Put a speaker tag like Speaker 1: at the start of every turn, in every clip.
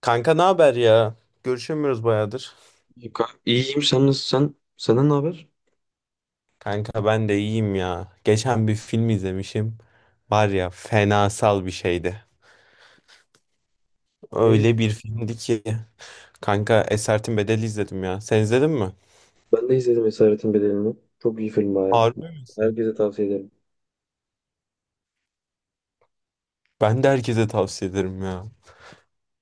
Speaker 1: Kanka ne haber ya? Görüşemiyoruz bayağıdır.
Speaker 2: İyi kanka. İyiyim, sen nasıl sen? Senden ne haber?
Speaker 1: Kanka ben de iyiyim ya. Geçen bir film izlemişim. Var ya fenasal bir şeydi.
Speaker 2: Ne izledin?
Speaker 1: Öyle bir filmdi ki. Kanka Esaretin Bedeli izledim ya. Sen izledin mi?
Speaker 2: Ben de izledim Esaretin Bedeli'ni. Çok iyi film baya.
Speaker 1: Harbi misin?
Speaker 2: Herkese tavsiye ederim.
Speaker 1: Ben de herkese tavsiye ederim ya.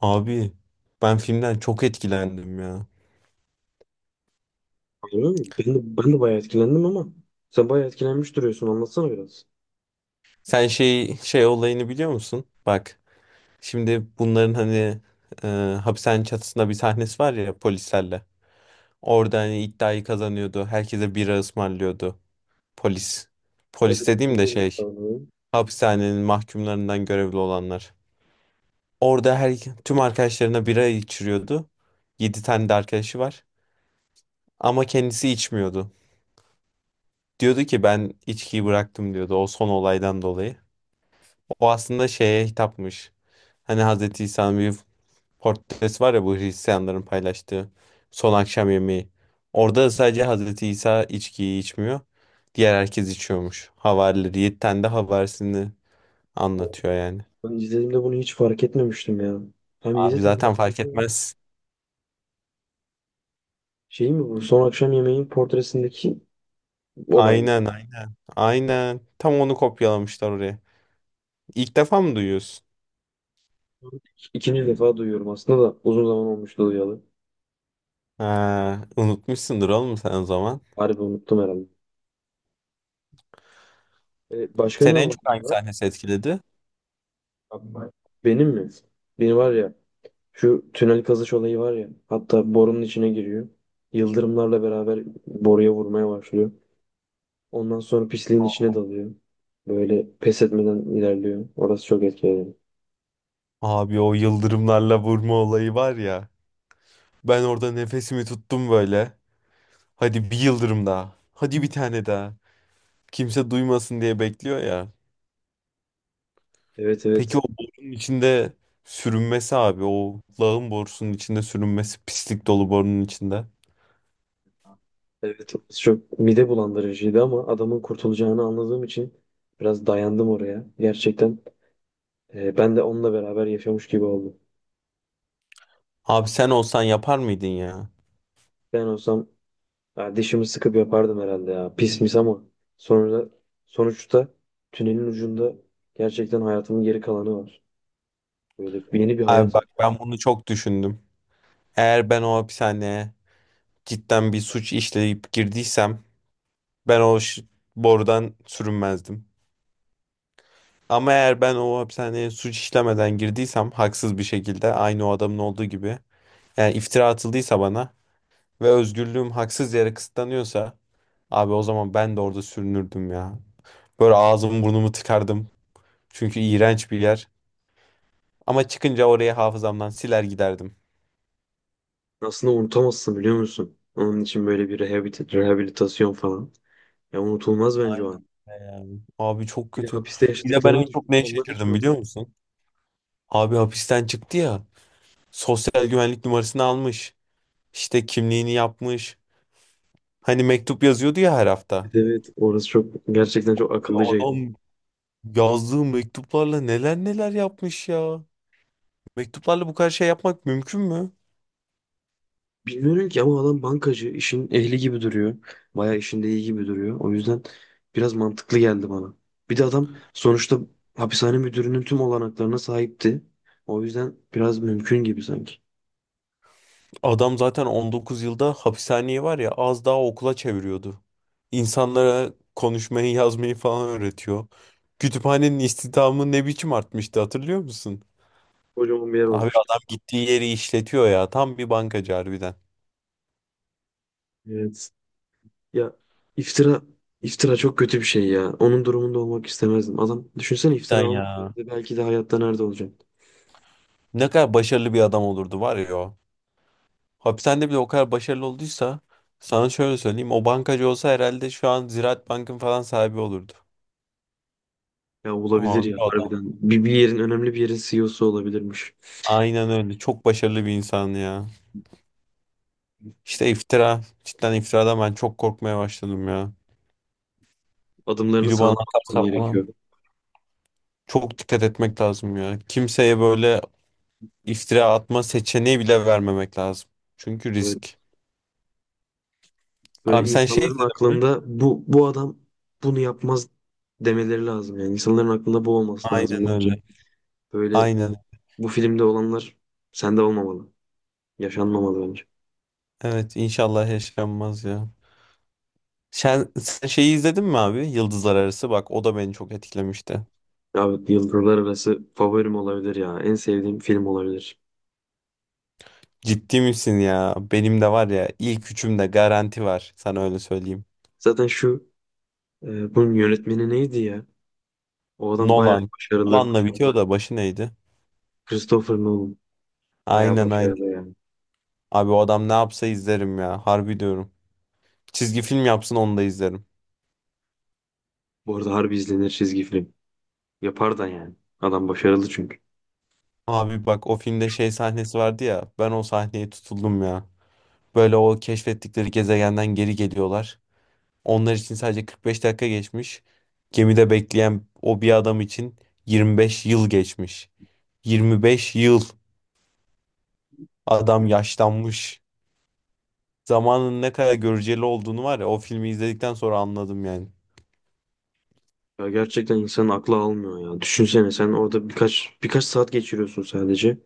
Speaker 1: Abi ben filmden çok etkilendim ya.
Speaker 2: Öyle mi? Ben de bayağı etkilendim ama sen bayağı etkilenmiş duruyorsun, anlatsana biraz.
Speaker 1: Sen şey olayını biliyor musun? Bak şimdi bunların hani e, hapishanenin çatısında bir sahnesi var ya polislerle. Orada hani iddiayı kazanıyordu. Herkese bira ısmarlıyordu. Polis. Polis
Speaker 2: Evet,
Speaker 1: dediğim de
Speaker 2: hatırlıyorum
Speaker 1: şey,
Speaker 2: sanırım.
Speaker 1: hapishanenin mahkumlarından görevli olanlar. Orada her tüm arkadaşlarına bira içiriyordu. 7 tane de arkadaşı var. Ama kendisi içmiyordu. Diyordu ki ben içkiyi bıraktım diyordu o son olaydan dolayı. O aslında şeye hitapmış. Hani Hazreti İsa'nın bir Portres var ya, bu Hristiyanların paylaştığı son akşam yemeği. Orada sadece Hazreti İsa içkiyi içmiyor. Diğer herkes içiyormuş. Havarileri 7 tane de havarisini anlatıyor yani.
Speaker 2: Ben izlediğimde bunu hiç fark etmemiştim ya. Hem 7
Speaker 1: Abi
Speaker 2: tane
Speaker 1: zaten
Speaker 2: arkadaşı
Speaker 1: fark
Speaker 2: var.
Speaker 1: etmez.
Speaker 2: Şey mi bu? Son akşam yemeğin portresindeki olay mı?
Speaker 1: Aynen. Tam onu kopyalamışlar oraya. İlk defa mı duyuyorsun?
Speaker 2: İkinci defa duyuyorum aslında da uzun zaman olmuştu duyalı.
Speaker 1: Ha, unutmuşsundur oğlum sen o zaman.
Speaker 2: Harbi unuttum herhalde. Başka ne
Speaker 1: Seni en çok hangi
Speaker 2: olaylar
Speaker 1: sahnesi etkiledi?
Speaker 2: var? Benim mi? Benim var ya, şu tünel kazış olayı var ya. Hatta borunun içine giriyor. Yıldırımlarla beraber boruya vurmaya başlıyor. Ondan sonra pisliğin içine dalıyor. Böyle pes etmeden ilerliyor. Orası çok etkileyici.
Speaker 1: Abi o yıldırımlarla vurma olayı var ya. Ben orada nefesimi tuttum böyle. Hadi bir yıldırım daha. Hadi bir tane daha. Kimse duymasın diye bekliyor ya.
Speaker 2: Evet,
Speaker 1: Peki
Speaker 2: evet.
Speaker 1: o borunun içinde sürünmesi abi. O lağım borusunun içinde sürünmesi. Pislik dolu borunun içinde.
Speaker 2: Evet, orası çok mide bulandırıcıydı ama adamın kurtulacağını anladığım için biraz dayandım oraya. Gerçekten ben de onunla beraber yaşamış gibi oldum.
Speaker 1: Abi sen olsan yapar mıydın ya?
Speaker 2: Ben olsam, ya dişimi sıkıp yapardım herhalde ya. Pis mis ama sonra, sonuçta tünelin ucunda gerçekten hayatımın geri kalanı var. Böyle yeni bir
Speaker 1: Abi
Speaker 2: hayat var.
Speaker 1: bak ben bunu çok düşündüm. Eğer ben o hapishaneye cidden bir suç işleyip girdiysem ben borudan sürünmezdim. Ama eğer ben o hapishaneye suç işlemeden girdiysem haksız bir şekilde aynı o adamın olduğu gibi, yani iftira atıldıysa bana ve özgürlüğüm haksız yere kısıtlanıyorsa abi, o zaman ben de orada sürünürdüm ya. Böyle ağzımı burnumu tıkardım. Çünkü iğrenç bir yer. Ama çıkınca orayı hafızamdan siler giderdim.
Speaker 2: Aslında unutamazsın, biliyor musun? Onun için böyle bir rehabilitasyon falan. Ya unutulmaz bence o
Speaker 1: Aynen,
Speaker 2: an.
Speaker 1: öyle ya. Abi çok
Speaker 2: Bir de
Speaker 1: kötü.
Speaker 2: hapiste
Speaker 1: Bir de ben
Speaker 2: yaşadıklarını
Speaker 1: en
Speaker 2: düşün.
Speaker 1: çok neye
Speaker 2: Onlar hiç
Speaker 1: şaşırdım
Speaker 2: unutma.
Speaker 1: biliyor musun? Abi hapisten çıktı ya. Sosyal güvenlik numarasını almış. İşte kimliğini yapmış. Hani mektup yazıyordu ya her hafta.
Speaker 2: Evet, evet, orası çok, gerçekten çok
Speaker 1: Ya
Speaker 2: akıllıcaydı.
Speaker 1: adam yazdığı mektuplarla neler neler yapmış ya. Mektuplarla bu kadar şey yapmak mümkün mü?
Speaker 2: Bilmiyorum ki ama adam bankacı. İşin ehli gibi duruyor. Bayağı işinde iyi gibi duruyor. O yüzden biraz mantıklı geldi bana. Bir de adam sonuçta hapishane müdürünün tüm olanaklarına sahipti. O yüzden biraz mümkün gibi sanki.
Speaker 1: Adam zaten 19 yılda hapishaneyi var ya az daha okula çeviriyordu. İnsanlara konuşmayı, yazmayı falan öğretiyor. Kütüphanenin istihdamı ne biçim artmıştı hatırlıyor musun?
Speaker 2: Kocaman bir yer
Speaker 1: Abi
Speaker 2: olmuştu.
Speaker 1: adam gittiği yeri işletiyor ya. Tam bir bankacı harbiden.
Speaker 2: Evet. Ya, iftira iftira çok kötü bir şey ya. Onun durumunda olmak istemezdim. Adam, düşünsene, iftira
Speaker 1: Cidden
Speaker 2: almasaydı
Speaker 1: ya.
Speaker 2: belki de hayatta nerede olacaktı?
Speaker 1: Ne kadar başarılı bir adam olurdu var ya o. Hapishanede bile o kadar başarılı olduysa sana şöyle söyleyeyim. O bankacı olsa herhalde şu an Ziraat Bank'ın falan sahibi olurdu.
Speaker 2: Ya olabilir
Speaker 1: Abi
Speaker 2: ya,
Speaker 1: adam.
Speaker 2: harbiden. Bir yerin önemli bir yerin CEO'su olabilirmiş.
Speaker 1: Aynen öyle. Çok başarılı bir insan ya. İşte iftira. Cidden iftiradan ben çok korkmaya başladım ya.
Speaker 2: Adımlarını
Speaker 1: Biri
Speaker 2: sağlam
Speaker 1: bana
Speaker 2: atman
Speaker 1: atarsa falan
Speaker 2: gerekiyor.
Speaker 1: çok dikkat etmek lazım ya. Kimseye böyle iftira atma seçeneği bile vermemek lazım. Çünkü
Speaker 2: Evet.
Speaker 1: risk. Abi
Speaker 2: Böyle
Speaker 1: sen şey
Speaker 2: insanların
Speaker 1: izledin mi?
Speaker 2: aklında bu adam bunu yapmaz demeleri lazım. Yani insanların aklında bu olması lazım
Speaker 1: Aynen
Speaker 2: bence.
Speaker 1: öyle.
Speaker 2: Böyle
Speaker 1: Aynen.
Speaker 2: bu filmde olanlar sende olmamalı. Yaşanmamalı bence.
Speaker 1: Evet, inşallah yaşanmaz ya. Sen şeyi izledin mi abi? Yıldızlar Arası. Bak o da beni çok etkilemişti.
Speaker 2: Abi Yıldırlar Arası favorim olabilir ya. En sevdiğim film olabilir.
Speaker 1: Ciddi misin ya? Benim de var ya, ilk üçümde garanti var. Sana öyle söyleyeyim.
Speaker 2: Zaten şu, bunun yönetmeni neydi ya? O adam bayağı
Speaker 1: Nolan.
Speaker 2: başarılı.
Speaker 1: Nolan'la bitiyor da başı neydi?
Speaker 2: Christopher Nolan. Bayağı
Speaker 1: Aynen aynen.
Speaker 2: başarılı yani.
Speaker 1: Abi o adam ne yapsa izlerim ya. Harbi diyorum. Çizgi film yapsın onu da izlerim.
Speaker 2: Bu arada harbi izlenir çizgi film. Yapar da yani. Adam başarılı çünkü.
Speaker 1: Abi bak o filmde şey sahnesi vardı ya. Ben o sahneye tutuldum ya. Böyle o keşfettikleri gezegenden geri geliyorlar. Onlar için sadece 45 dakika geçmiş. Gemide bekleyen o bir adam için 25 yıl geçmiş. 25 yıl adam yaşlanmış. Zamanın ne kadar göreceli olduğunu var ya o filmi izledikten sonra anladım yani.
Speaker 2: Ya gerçekten insanın aklı almıyor ya. Düşünsene, sen orada birkaç saat geçiriyorsun sadece.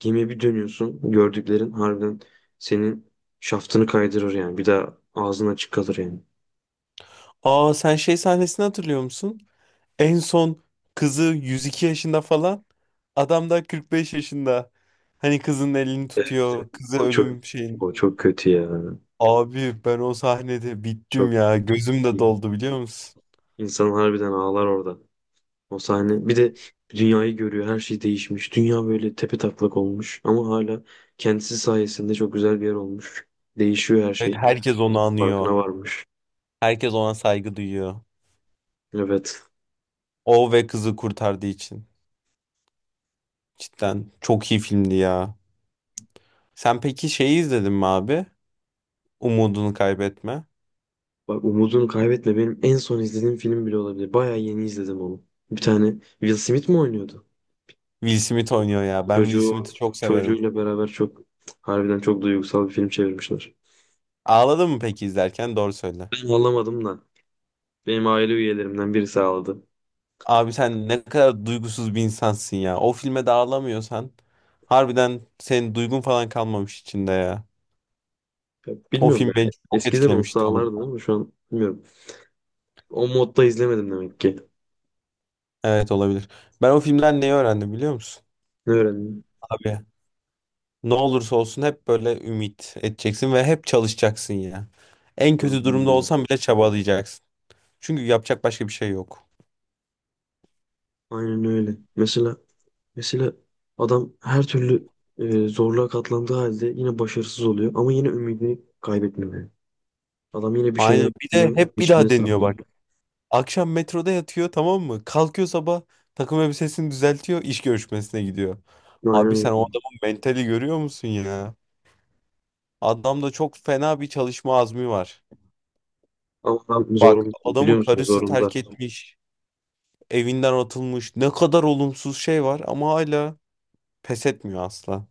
Speaker 2: Gemiye bir dönüyorsun. Gördüklerin harbiden senin şaftını kaydırır yani. Bir daha ağzın açık kalır yani.
Speaker 1: Aa, sen şey sahnesini hatırlıyor musun? En son kızı 102 yaşında falan, adam da 45 yaşında. Hani kızın elini
Speaker 2: Evet,
Speaker 1: tutuyor, kızı
Speaker 2: o çok,
Speaker 1: ölüm şeyini.
Speaker 2: o çok kötü ya.
Speaker 1: Abi ben o sahnede bittim
Speaker 2: Çok,
Speaker 1: ya. Gözüm de doldu biliyor musun?
Speaker 2: insan harbiden ağlar orada. O sahne. Bir de dünyayı görüyor. Her şey değişmiş. Dünya böyle tepe taklak olmuş ama hala kendisi sayesinde çok güzel bir yer olmuş. Değişiyor her
Speaker 1: Evet,
Speaker 2: şey.
Speaker 1: herkes onu
Speaker 2: Bunun
Speaker 1: anıyor.
Speaker 2: farkına varmış.
Speaker 1: Herkes ona saygı duyuyor.
Speaker 2: Evet.
Speaker 1: O ve kızı kurtardığı için. Cidden çok iyi filmdi ya. Sen peki şeyi izledin mi abi? Umudunu kaybetme.
Speaker 2: Bak, umudunu kaybetme benim en son izlediğim film bile olabilir. Bayağı yeni izledim onu. Bir tane Will Smith mi oynuyordu?
Speaker 1: Will Smith oynuyor ya. Ben Will
Speaker 2: Çocuğu
Speaker 1: Smith'i çok severim.
Speaker 2: çocuğuyla beraber çok, harbiden çok duygusal bir film çevirmişler.
Speaker 1: Ağladın mı peki izlerken? Doğru söyle.
Speaker 2: Ben ağlamadım da benim aile üyelerimden birisi ağladı.
Speaker 1: Abi sen ne kadar duygusuz bir insansın ya. O filme de ağlamıyorsan harbiden senin duygun falan kalmamış içinde ya.
Speaker 2: Ya
Speaker 1: O
Speaker 2: bilmiyorum
Speaker 1: film
Speaker 2: ya.
Speaker 1: beni çok
Speaker 2: Eskiden olsa
Speaker 1: etkilemişti oğlum.
Speaker 2: ağlardım ama şu an bilmiyorum. O modda izlemedim demek ki.
Speaker 1: Evet, olabilir. Ben o filmden neyi öğrendim biliyor musun?
Speaker 2: Ne öğrendim?
Speaker 1: Abi ne olursa olsun hep böyle ümit edeceksin ve hep çalışacaksın ya. En kötü
Speaker 2: Aynen
Speaker 1: durumda
Speaker 2: öyle.
Speaker 1: olsan bile çabalayacaksın. Çünkü yapacak başka bir şey yok.
Speaker 2: Aynen öyle. Mesela adam her türlü zorluğa katlandığı halde yine başarısız oluyor ama yine ümidini kaybetmiyor, yani. Adam yine bir
Speaker 1: Aynen,
Speaker 2: şeyler
Speaker 1: bir de
Speaker 2: biliyor,
Speaker 1: hep bir
Speaker 2: geçimini
Speaker 1: daha deniyor
Speaker 2: sağlıyor.
Speaker 1: bak. Akşam metroda yatıyor tamam mı? Kalkıyor sabah takım elbisesini düzeltiyor, iş görüşmesine gidiyor.
Speaker 2: Aynen
Speaker 1: Abi sen
Speaker 2: öyle.
Speaker 1: o adamın mentali görüyor musun ya? Adamda çok fena bir çalışma azmi var.
Speaker 2: Ama adam
Speaker 1: Bak,
Speaker 2: zorunda, biliyor
Speaker 1: adamı
Speaker 2: musun?
Speaker 1: karısı
Speaker 2: Zorunda.
Speaker 1: terk etmiş, evinden atılmış. Ne kadar olumsuz şey var ama hala pes etmiyor asla.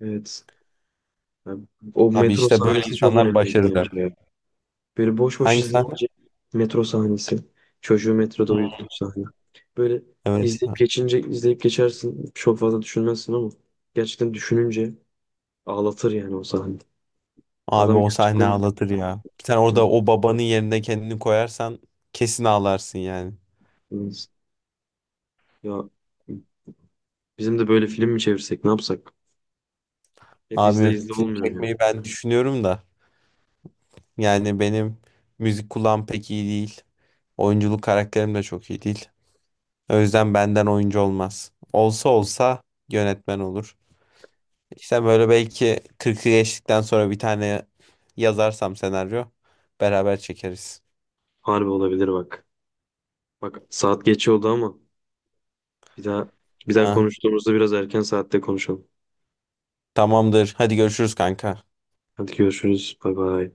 Speaker 2: Evet. Yani o
Speaker 1: Abi
Speaker 2: metro
Speaker 1: işte böyle
Speaker 2: sahnesi çok
Speaker 1: insanlar
Speaker 2: önemliydi
Speaker 1: başarılı.
Speaker 2: bence ya. Böyle boş boş
Speaker 1: Hangi sahne?
Speaker 2: izleyince, metro sahnesi. Çocuğu metroda uyuttuğu sahne. Böyle
Speaker 1: Evet ya.
Speaker 2: izleyip geçince, izleyip geçersin. Çok fazla düşünmezsin ama gerçekten düşününce ağlatır yani o sahne.
Speaker 1: Abi
Speaker 2: Adam
Speaker 1: o sahne
Speaker 2: gerçekten
Speaker 1: ağlatır ya. Sen orada o babanın yerine kendini koyarsan kesin ağlarsın yani.
Speaker 2: ya, bizim de böyle film mi çevirsek, ne yapsak? Hep izle
Speaker 1: Abi
Speaker 2: izle
Speaker 1: film
Speaker 2: olmuyor yani.
Speaker 1: çekmeyi ben düşünüyorum da yani benim müzik kulağım pek iyi değil. Oyunculuk karakterim de çok iyi değil. O yüzden benden oyuncu olmaz. Olsa olsa yönetmen olur. İşte böyle belki 40'ı geçtikten sonra bir tane yazarsam senaryo beraber çekeriz.
Speaker 2: Harbi olabilir bak. Bak, saat geç oldu ama bir daha bir daha
Speaker 1: Ha,
Speaker 2: konuştuğumuzda biraz erken saatte konuşalım.
Speaker 1: tamamdır. Hadi görüşürüz kanka.
Speaker 2: Hadi görüşürüz. Bay bay.